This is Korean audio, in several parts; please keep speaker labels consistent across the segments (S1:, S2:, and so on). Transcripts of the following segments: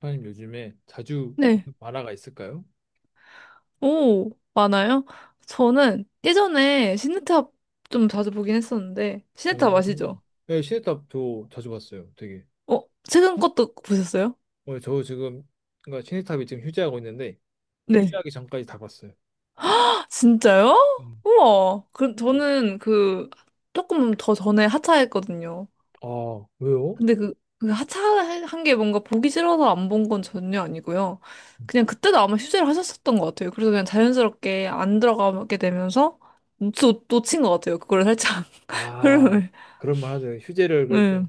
S1: 사장님 요즘에 자주
S2: 네.
S1: 보는 만화가 있을까요?
S2: 오, 많아요? 저는 예전에 시네탑 좀 자주 보긴 했었는데, 시네탑
S1: 오.
S2: 아시죠?
S1: 네, 시네탑 저 자주 봤어요. 되게.
S2: 어, 최근 것도 보셨어요?
S1: 오늘 저 지금 그러니까 시네탑이 지금 휴지하고 있는데
S2: 네.
S1: 휴지하기 전까지 다 봤어요.
S2: 아, 진짜요?
S1: 음.
S2: 우와. 그,
S1: 네.
S2: 저는 그, 조금 더 전에 하차했거든요.
S1: 아, 왜요?
S2: 근데 그, 그 하차한 게 뭔가 보기 싫어서 안 본 건 전혀 아니고요. 그냥 그때도 아마 휴재를 하셨었던 것 같아요. 그래서 그냥 자연스럽게 안 들어가게 되면서 놓친 것 같아요. 그걸 살짝
S1: 아,
S2: 흐름을.
S1: 그런 말 하죠. 휴재를 그래도
S2: 네.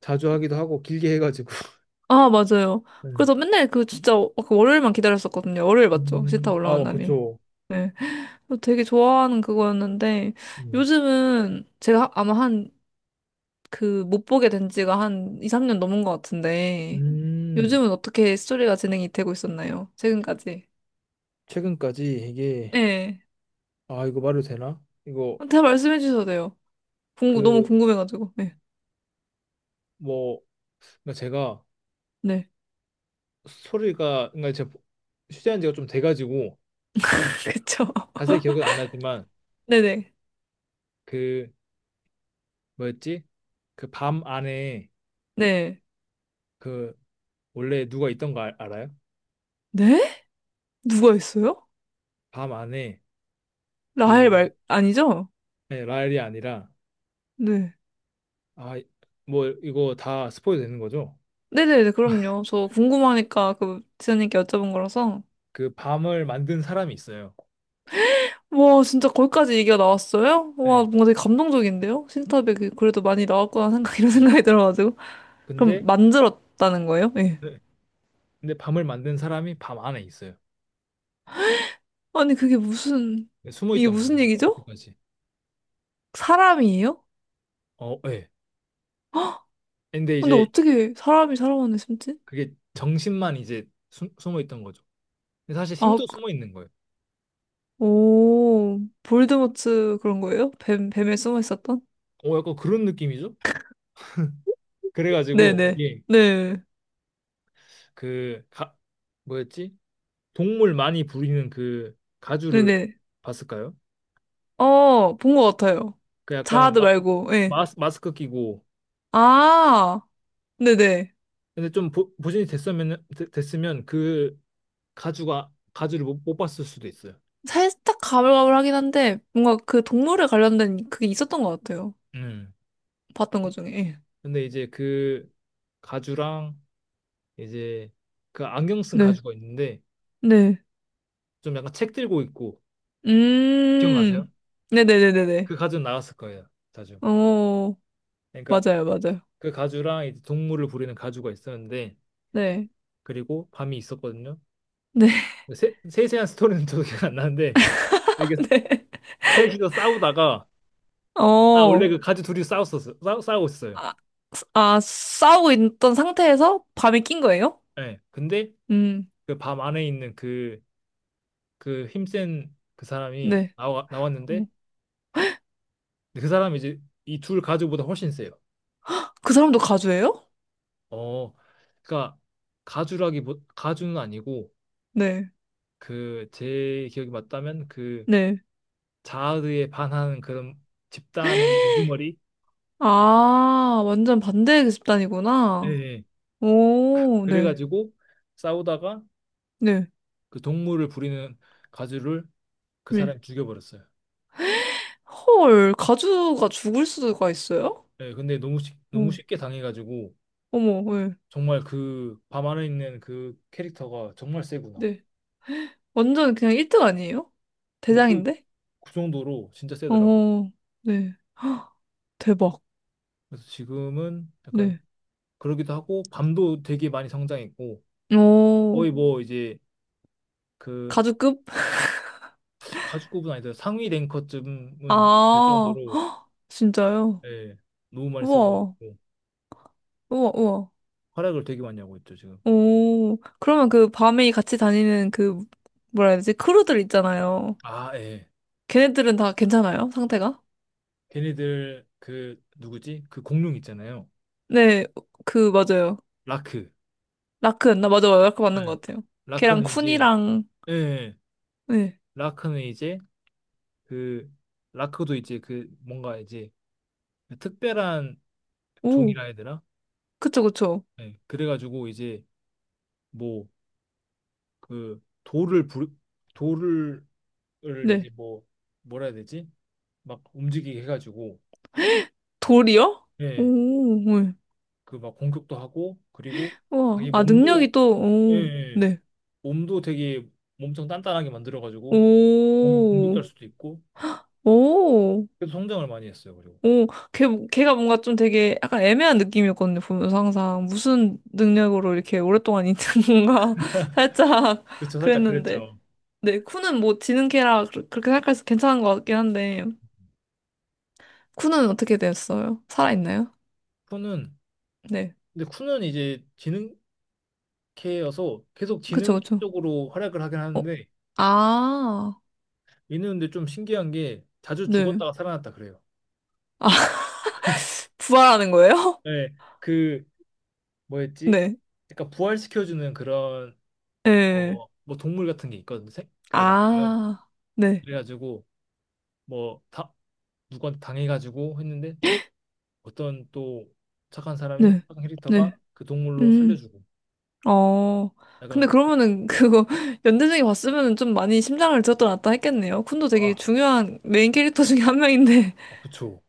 S1: 자주 하기도 하고 길게 해가지고.
S2: 아, 맞아요.
S1: 네.
S2: 그래서 맨날 그 진짜 그 월요일만 기다렸었거든요. 월요일 맞죠? 시타
S1: 음.
S2: 올라오는
S1: 아,
S2: 날이.
S1: 그쵸.
S2: 네. 그래서 되게 좋아하는 그거였는데
S1: 음.
S2: 요즘은 제가 아마 한 그 못 보게 된 지가 한 2, 3년 넘은 것 같은데
S1: 음.
S2: 요즘은 어떻게 스토리가 진행이 되고 있었나요? 최근까지.
S1: 최근까지 이게
S2: 네.
S1: 아, 이거 말해도 되나? 이거
S2: 다 말씀해 주셔도 돼요. 궁금, 너무
S1: 그
S2: 궁금해가지고. 네.
S1: 뭐 그러니까 제가
S2: 네.
S1: 소리가 그러니까 제가 휴대한 지가 좀 돼가지고
S2: 그쵸.
S1: 자세히 기억은 안 나지만
S2: 네네.
S1: 그 뭐였지? 그 밤 안에
S2: 네.
S1: 그 원래 누가 있던 거 알, 아요.
S2: 네? 누가 있어요?
S1: 밤 안에
S2: 라헬
S1: 그,
S2: 말, 아니죠?
S1: 네, 라엘이 아니라
S2: 네.
S1: 아, 뭐 이거 다 스포이 되는 거죠?
S2: 네네네, 그럼요. 저 궁금하니까 그 지연님께 여쭤본 거라서.
S1: 그 밤을 만든 사람이 있어요.
S2: 와, 진짜 거기까지 얘기가 나왔어요? 와,
S1: 네,
S2: 뭔가 되게 감동적인데요? 신탑에 그래도 많이 나왔구나 생각, 이런
S1: 네.
S2: 생각이 들어가지고. 그럼
S1: 근데,
S2: 만들었다는 거예요? 예.
S1: 네. 근데 밤을 만든 사람이 밤 안에 있어요.
S2: 아니, 그게 무슨,
S1: 네, 숨어
S2: 이게
S1: 있던 거죠.
S2: 무슨 얘기죠?
S1: 그때까지.
S2: 사람이에요?
S1: 어, 예. 근데
S2: 근데
S1: 이제
S2: 어떻게 사람이 사람 안에 숨지?
S1: 그게 정신만 이제 숨, 숨어 있던 거죠. 근데 사실
S2: 아,
S1: 힘도 숨어 있는 거예요.
S2: 오, 볼드모트 그런 거예요? 뱀, 뱀에 숨어 있었던?
S1: 어, 약간 그런 느낌이죠? 그래가지고
S2: 네네.
S1: 이게
S2: 네.
S1: 그 가, 뭐였지? 동물 많이 부리는 그 가주를
S2: 네네.
S1: 봤을까요?
S2: 어, 본 것 같아요.
S1: 그 약간
S2: 자아드
S1: 마,
S2: 말고, 예.
S1: 마스, 마스크 끼고,
S2: 아, 네네.
S1: 근데 좀 보존이 됐으면 그 가주가 가주를 못 봤을 수도 있어요.
S2: 살짝 가물가물하긴 한데, 뭔가 그 동물에 관련된 그게 있었던 것 같아요.
S1: 음.
S2: 봤던 것 중에. 예.
S1: 근데 이제 그 가주랑 이제 그 안경 쓴
S2: 네,
S1: 가주가 있는데
S2: 네.
S1: 좀 약간 책 들고 있고,
S2: 음,
S1: 기억나세요? 그
S2: 네네네네네.
S1: 가주 나갔을 거예요. 자주.
S2: 어,
S1: 그러니까
S2: 맞아요, 맞아요.
S1: 그 가주랑 이제 동물을 부리는 가주가 있었는데
S2: 네,
S1: 그리고 밤이 있었거든요.
S2: 네,
S1: 세세한 스토리는 저도 기억 안 나는데, 이게 셋이서 싸우다가,
S2: 네.
S1: 아, 원래
S2: 어,
S1: 그, 네. 가주 둘이 싸웠었어요. 싸우고 있어요.
S2: 아, 아, 싸우고 있던 상태에서 밤에 낀 거예요?
S1: 예. 근데
S2: 음,
S1: 그 밤 안에 있는 그 힘센 그 사람이
S2: 네.
S1: 나왔는데
S2: 어,
S1: 그 사람이 이제 이 둘 가주보다 훨씬 세요.
S2: 그 사람도 가주예요?
S1: 어. 그러니까 가주라기 보, 가주는 아니고
S2: 네,
S1: 그, 제 기억이 맞다면 그,
S2: 네.
S1: 자아드에 반하는 그런 집단의 우두머리.
S2: 아, 완전 반대의
S1: 예,
S2: 집단이구나.
S1: 예.
S2: 오, 네,
S1: 그래가지고 싸우다가
S2: 네.
S1: 그 동물을 부리는 가주를 그
S2: 왜?
S1: 사람이 죽여버렸어요.
S2: 헐, 가주가 죽을 수가 있어요?
S1: 예, 근데 너무 쉽, 너무
S2: 어,
S1: 쉽게 당해가지고
S2: 어머, 왜?
S1: 정말 그 밤 안에 있는 그 캐릭터가 정말 세구나.
S2: 네. 완전 그냥 1등 아니에요?
S1: 뭐 거의
S2: 대장인데?
S1: 그 정도로 진짜 세더라고요.
S2: 어, 네. 헉, 대박.
S1: 그래서 지금은 약간
S2: 네.
S1: 그러기도 하고 밤도 되게 많이 성장했고,
S2: 어,
S1: 거의 뭐 이제 그
S2: 가주급?
S1: 가죽급은 아니더라도 상위
S2: 아,
S1: 랭커쯤은 될 정도로,
S2: 헉, 진짜요?
S1: 예, 너무 많이
S2: 우와,
S1: 세져가지고
S2: 우와, 우와.
S1: 활약을 되게 많이 하고 있죠 지금.
S2: 오, 그러면 그 밤에 같이 다니는 그, 뭐라 해야 되지? 크루들 있잖아요.
S1: 아, 예.
S2: 걔네들은 다 괜찮아요? 상태가?
S1: 걔네들 그 누구지? 그 공룡 있잖아요.
S2: 네, 그, 맞아요.
S1: 라크.
S2: 라크였나? 맞아요. 라크
S1: 네.
S2: 맞는 것 같아요. 걔랑
S1: 라크는 이제,
S2: 쿤이랑
S1: 예, 예.
S2: 네.
S1: 라크는 이제 그 라크도 이제 그 뭔가 이제 그 특별한
S2: 오,
S1: 종이라 해야 되나?
S2: 그쵸, 그쵸.
S1: 예. 그래가지고 이제 뭐 그 돌을 이제
S2: 네.
S1: 뭐라 해야 되지? 막 움직이게 해가지고,
S2: 돌이요? 오,
S1: 예.
S2: 네.
S1: 그 막 공격도 하고, 그리고
S2: 와,
S1: 자기
S2: 아,
S1: 몸도,
S2: 능력이 또,
S1: 예,
S2: 오,
S1: 예.
S2: 네.
S1: 몸도 되게 몸청 단단하게 만들어가지고 공-
S2: 오,
S1: 공격할 수도 있고,
S2: 오,
S1: 그래서 성장을 많이 했어요. 그리고
S2: 오. 걔, 걔가 뭔가 좀 되게 약간 애매한 느낌이었거든요, 보면서 항상. 무슨 능력으로 이렇게 오랫동안 있는 건가. 살짝
S1: 그쵸, 살짝
S2: 그랬는데.
S1: 그랬죠.
S2: 네, 쿠는 뭐 지는 걔라 그렇게 생각해서 괜찮은 것 같긴 한데. 쿠는 어떻게 됐어요? 살아있나요?
S1: 쿠는,
S2: 네.
S1: 근데 쿠는 이제 지능캐여서 계속
S2: 그쵸,
S1: 지능
S2: 그쵸.
S1: 쪽으로 활약을 하긴
S2: 어,
S1: 하는데,
S2: 아,
S1: 얘는 근데 좀 신기한 게 자주
S2: 네.
S1: 죽었다가 살아났다 그래요.
S2: 아. 부활하는 거예요?
S1: 네, 그 뭐였지?
S2: 네.
S1: 약간 부활시켜주는 그런,
S2: 네,
S1: 뭐 동물 같은 게 있거든요. 생- 그게 나와요.
S2: 아, 네.
S1: 그래가지고 뭐, 다 누구한테 당해가지고 했는데 어떤 또 착한 사람이,
S2: 네.
S1: 착한
S2: 네.
S1: 캐릭터가 그 동물로
S2: 음.
S1: 살려주고,
S2: 어. 근데
S1: 약간.
S2: 그러면은 그거 연대생이 봤으면은 좀 많이 심장을 들었다 놨다 했겠네요. 쿤도 되게
S1: 아,
S2: 중요한 메인 캐릭터 중에 한 명인데
S1: 아, 그쵸.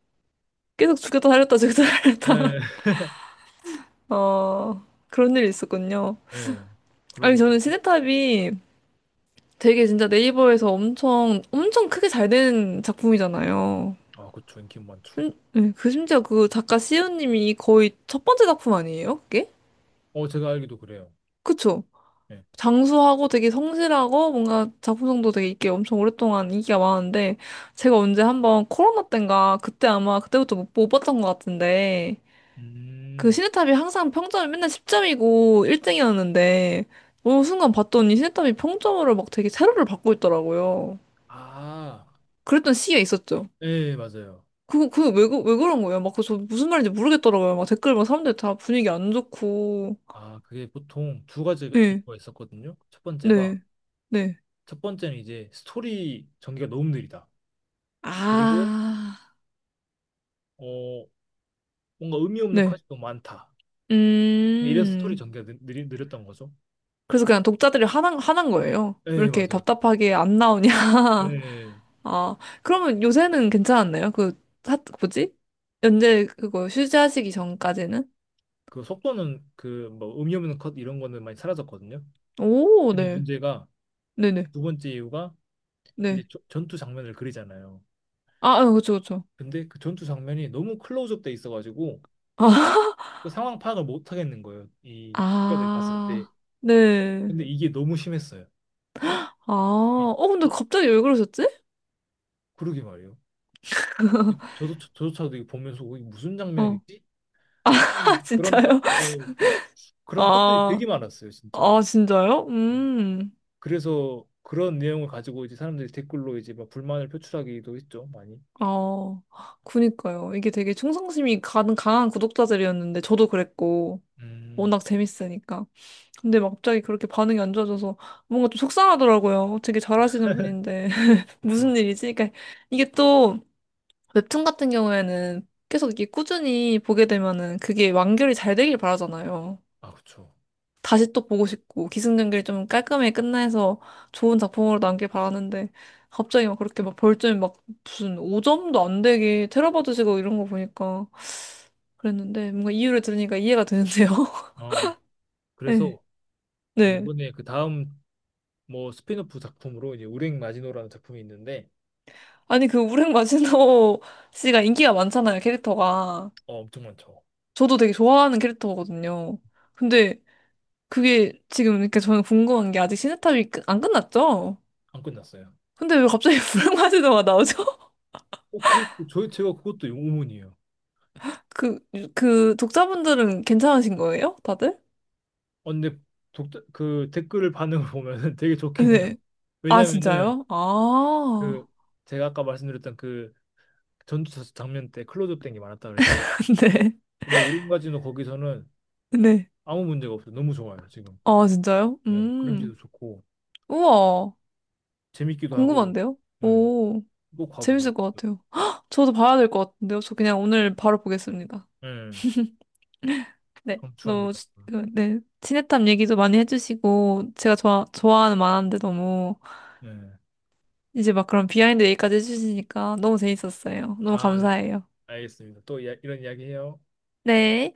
S2: 계속 죽였다 살렸다 죽였다 살렸다.
S1: 네,
S2: 어. 그런 일이 있었군요.
S1: 네,
S2: 아니
S1: 그러기도.
S2: 저는 시네탑이 되게 진짜 네이버에서 엄청 엄청 크게 잘 된 작품이잖아요.
S1: 아, 그쵸. 인기 많죠.
S2: 네, 그 심지어 그 작가 시우님이 거의 첫 번째 작품 아니에요? 그게?
S1: 어, 제가 알기도 그래요.
S2: 그쵸?
S1: 예.
S2: 장수하고 되게 성실하고 뭔가 작품성도 되게 있게 엄청 오랫동안 인기가 많은데 제가 언제 한번 코로나 땐가 그때 아마 그때부터 못, 못 봤던 것 같은데 그
S1: 음,
S2: 시네탑이 항상 평점이 맨날 10점이고 1등이었는데 어느 순간 봤더니 시네탑이 평점으로 막 되게 세로를 받고 있더라고요.
S1: 아,
S2: 그랬던 시기가 있었죠.
S1: 네 맞아요.
S2: 그거 그거 왜, 왜 그런 거예요? 막 그 저 무슨 말인지 모르겠더라고요. 막 댓글 막 사람들 다 분위기 안 좋고
S1: 아, 그게 보통 두 가지가
S2: 네,
S1: 있었거든요. 첫 번째가,
S2: 네, 네.
S1: 첫 번째는 이제 스토리 전개가 너무 느리다. 그리고,
S2: 아,
S1: 어, 뭔가 의미 없는
S2: 네.
S1: 컷이 너무 많다. 그러니까 이래서 스토리
S2: 음,
S1: 전개가 느렸던 거죠.
S2: 그래서 그냥 독자들이 화난, 화난 거예요. 왜
S1: 네
S2: 이렇게
S1: 맞아요.
S2: 답답하게 안 나오냐.
S1: 네.
S2: 아, 그러면 요새는 괜찮았나요? 그, 하, 뭐지? 연재 그거 휴지하시기 전까지는?
S1: 그 속도는, 그 뭐 의미 없는 컷 이런 거는 많이 사라졌거든요.
S2: 오,
S1: 근데
S2: 네.
S1: 문제가
S2: 네네.
S1: 두 번째 이유가 이제
S2: 네.
S1: 조- 전투 장면을 그리잖아요.
S2: 아, 아, 그쵸, 그쵸.
S1: 근데 그 전투 장면이 너무 클로즈업 돼 있어가지고
S2: 아,
S1: 그 상황 파악을 못 하겠는 거예요. 이 국가들이 봤을 때.
S2: 아, 네.
S1: 근데 이게 너무 심했어요.
S2: 아,
S1: 이,
S2: 어, 근데
S1: 이,
S2: 갑자기 왜 그러셨지?
S1: 그러게 말이에요. 이- 저도 저조차도 이거 보면서 이게 무슨
S2: 어.
S1: 장면이지? 하는
S2: 아,
S1: 그런 컷,
S2: 진짜요?
S1: 네, 그런 컷들이 되게
S2: 아,
S1: 많았어요, 진짜.
S2: 아, 진짜요?
S1: 네.
S2: 음.
S1: 그래서 그런 내용을 가지고 이제 사람들이 댓글로 이제 막 불만을 표출하기도 했죠, 많이.
S2: 어, 그니까요. 이게 되게 충성심이 가는 강한 구독자들이었는데, 저도 그랬고,
S1: 음,
S2: 워낙 재밌으니까. 근데 막 갑자기 그렇게 반응이 안 좋아져서 뭔가 좀 속상하더라고요. 되게 잘하시는 분인데.
S1: 그렇죠.
S2: 무슨 일이지? 그러니까 이게 또 웹툰 같은 경우에는 계속 이게 꾸준히 보게 되면은 그게 완결이 잘 되길 바라잖아요.
S1: 아, 그렇죠.
S2: 다시 또 보고 싶고 기승전결이 좀 깔끔하게 끝나서 좋은 작품으로 남길 바라는데 갑자기 막 그렇게 막 벌점이 막 무슨 5점도 안 되게 테러받으시고 이런 거 보니까 그랬는데 뭔가 이유를 들으니까 이해가 되는데요.
S1: 어,
S2: 네.
S1: 그래서 이제
S2: 네.
S1: 이번에 그 다음 뭐 스핀오프 작품으로 이제 우렝 마지노라는 작품이 있는데.
S2: 아니 그 우랭 마지노 씨가 인기가 많잖아요, 캐릭터가.
S1: 어, 엄청 많죠.
S2: 저도 되게 좋아하는 캐릭터거든요. 근데 그게 지금 이렇게 저는 궁금한 게 아직 시네탑이 안 끝났죠?
S1: 안 끝났어요.
S2: 근데 왜 갑자기 우랭 마지노가 나오죠?
S1: 그거 저 제가 그것도 의문이에요.
S2: 그, 그 독자분들은 괜찮으신 거예요? 다들?
S1: 근데 그 댓글 반응을 보면은 되게 좋긴 해요.
S2: 네. 아,
S1: 왜냐면은
S2: 진짜요?
S1: 그
S2: 아,
S1: 제가 아까 말씀드렸던 그 전투 장면 때 클로즈업 된 게 많았다 그랬잖아요.
S2: 네.
S1: 근데 우렝 마지노 거기서는
S2: 네.
S1: 아무 문제가 없어요. 너무 좋아요, 지금.
S2: 아, 진짜요?
S1: 예,
S2: 음.
S1: 그림체도 좋고
S2: 우와.
S1: 재밌기도 하고.
S2: 궁금한데요?
S1: 예,
S2: 오,
S1: 꼭 봐보세요.
S2: 재밌을 것 같아요. 헉, 저도 봐야 될 것 같은데요? 저 그냥 오늘 바로 보겠습니다.
S1: 예,
S2: 네. 너무,
S1: 강추합니다.
S2: 그, 네. 친해탐 얘기도 많이 해주시고, 제가 좋아, 좋아하는 만화인데 너무,
S1: 예.
S2: 이제 막 그런 비하인드 얘기까지 해주시니까 너무 재밌었어요. 너무
S1: 아, 네.
S2: 감사해요.
S1: 알겠습니다. 또 이런 이야기 해요.
S2: 네.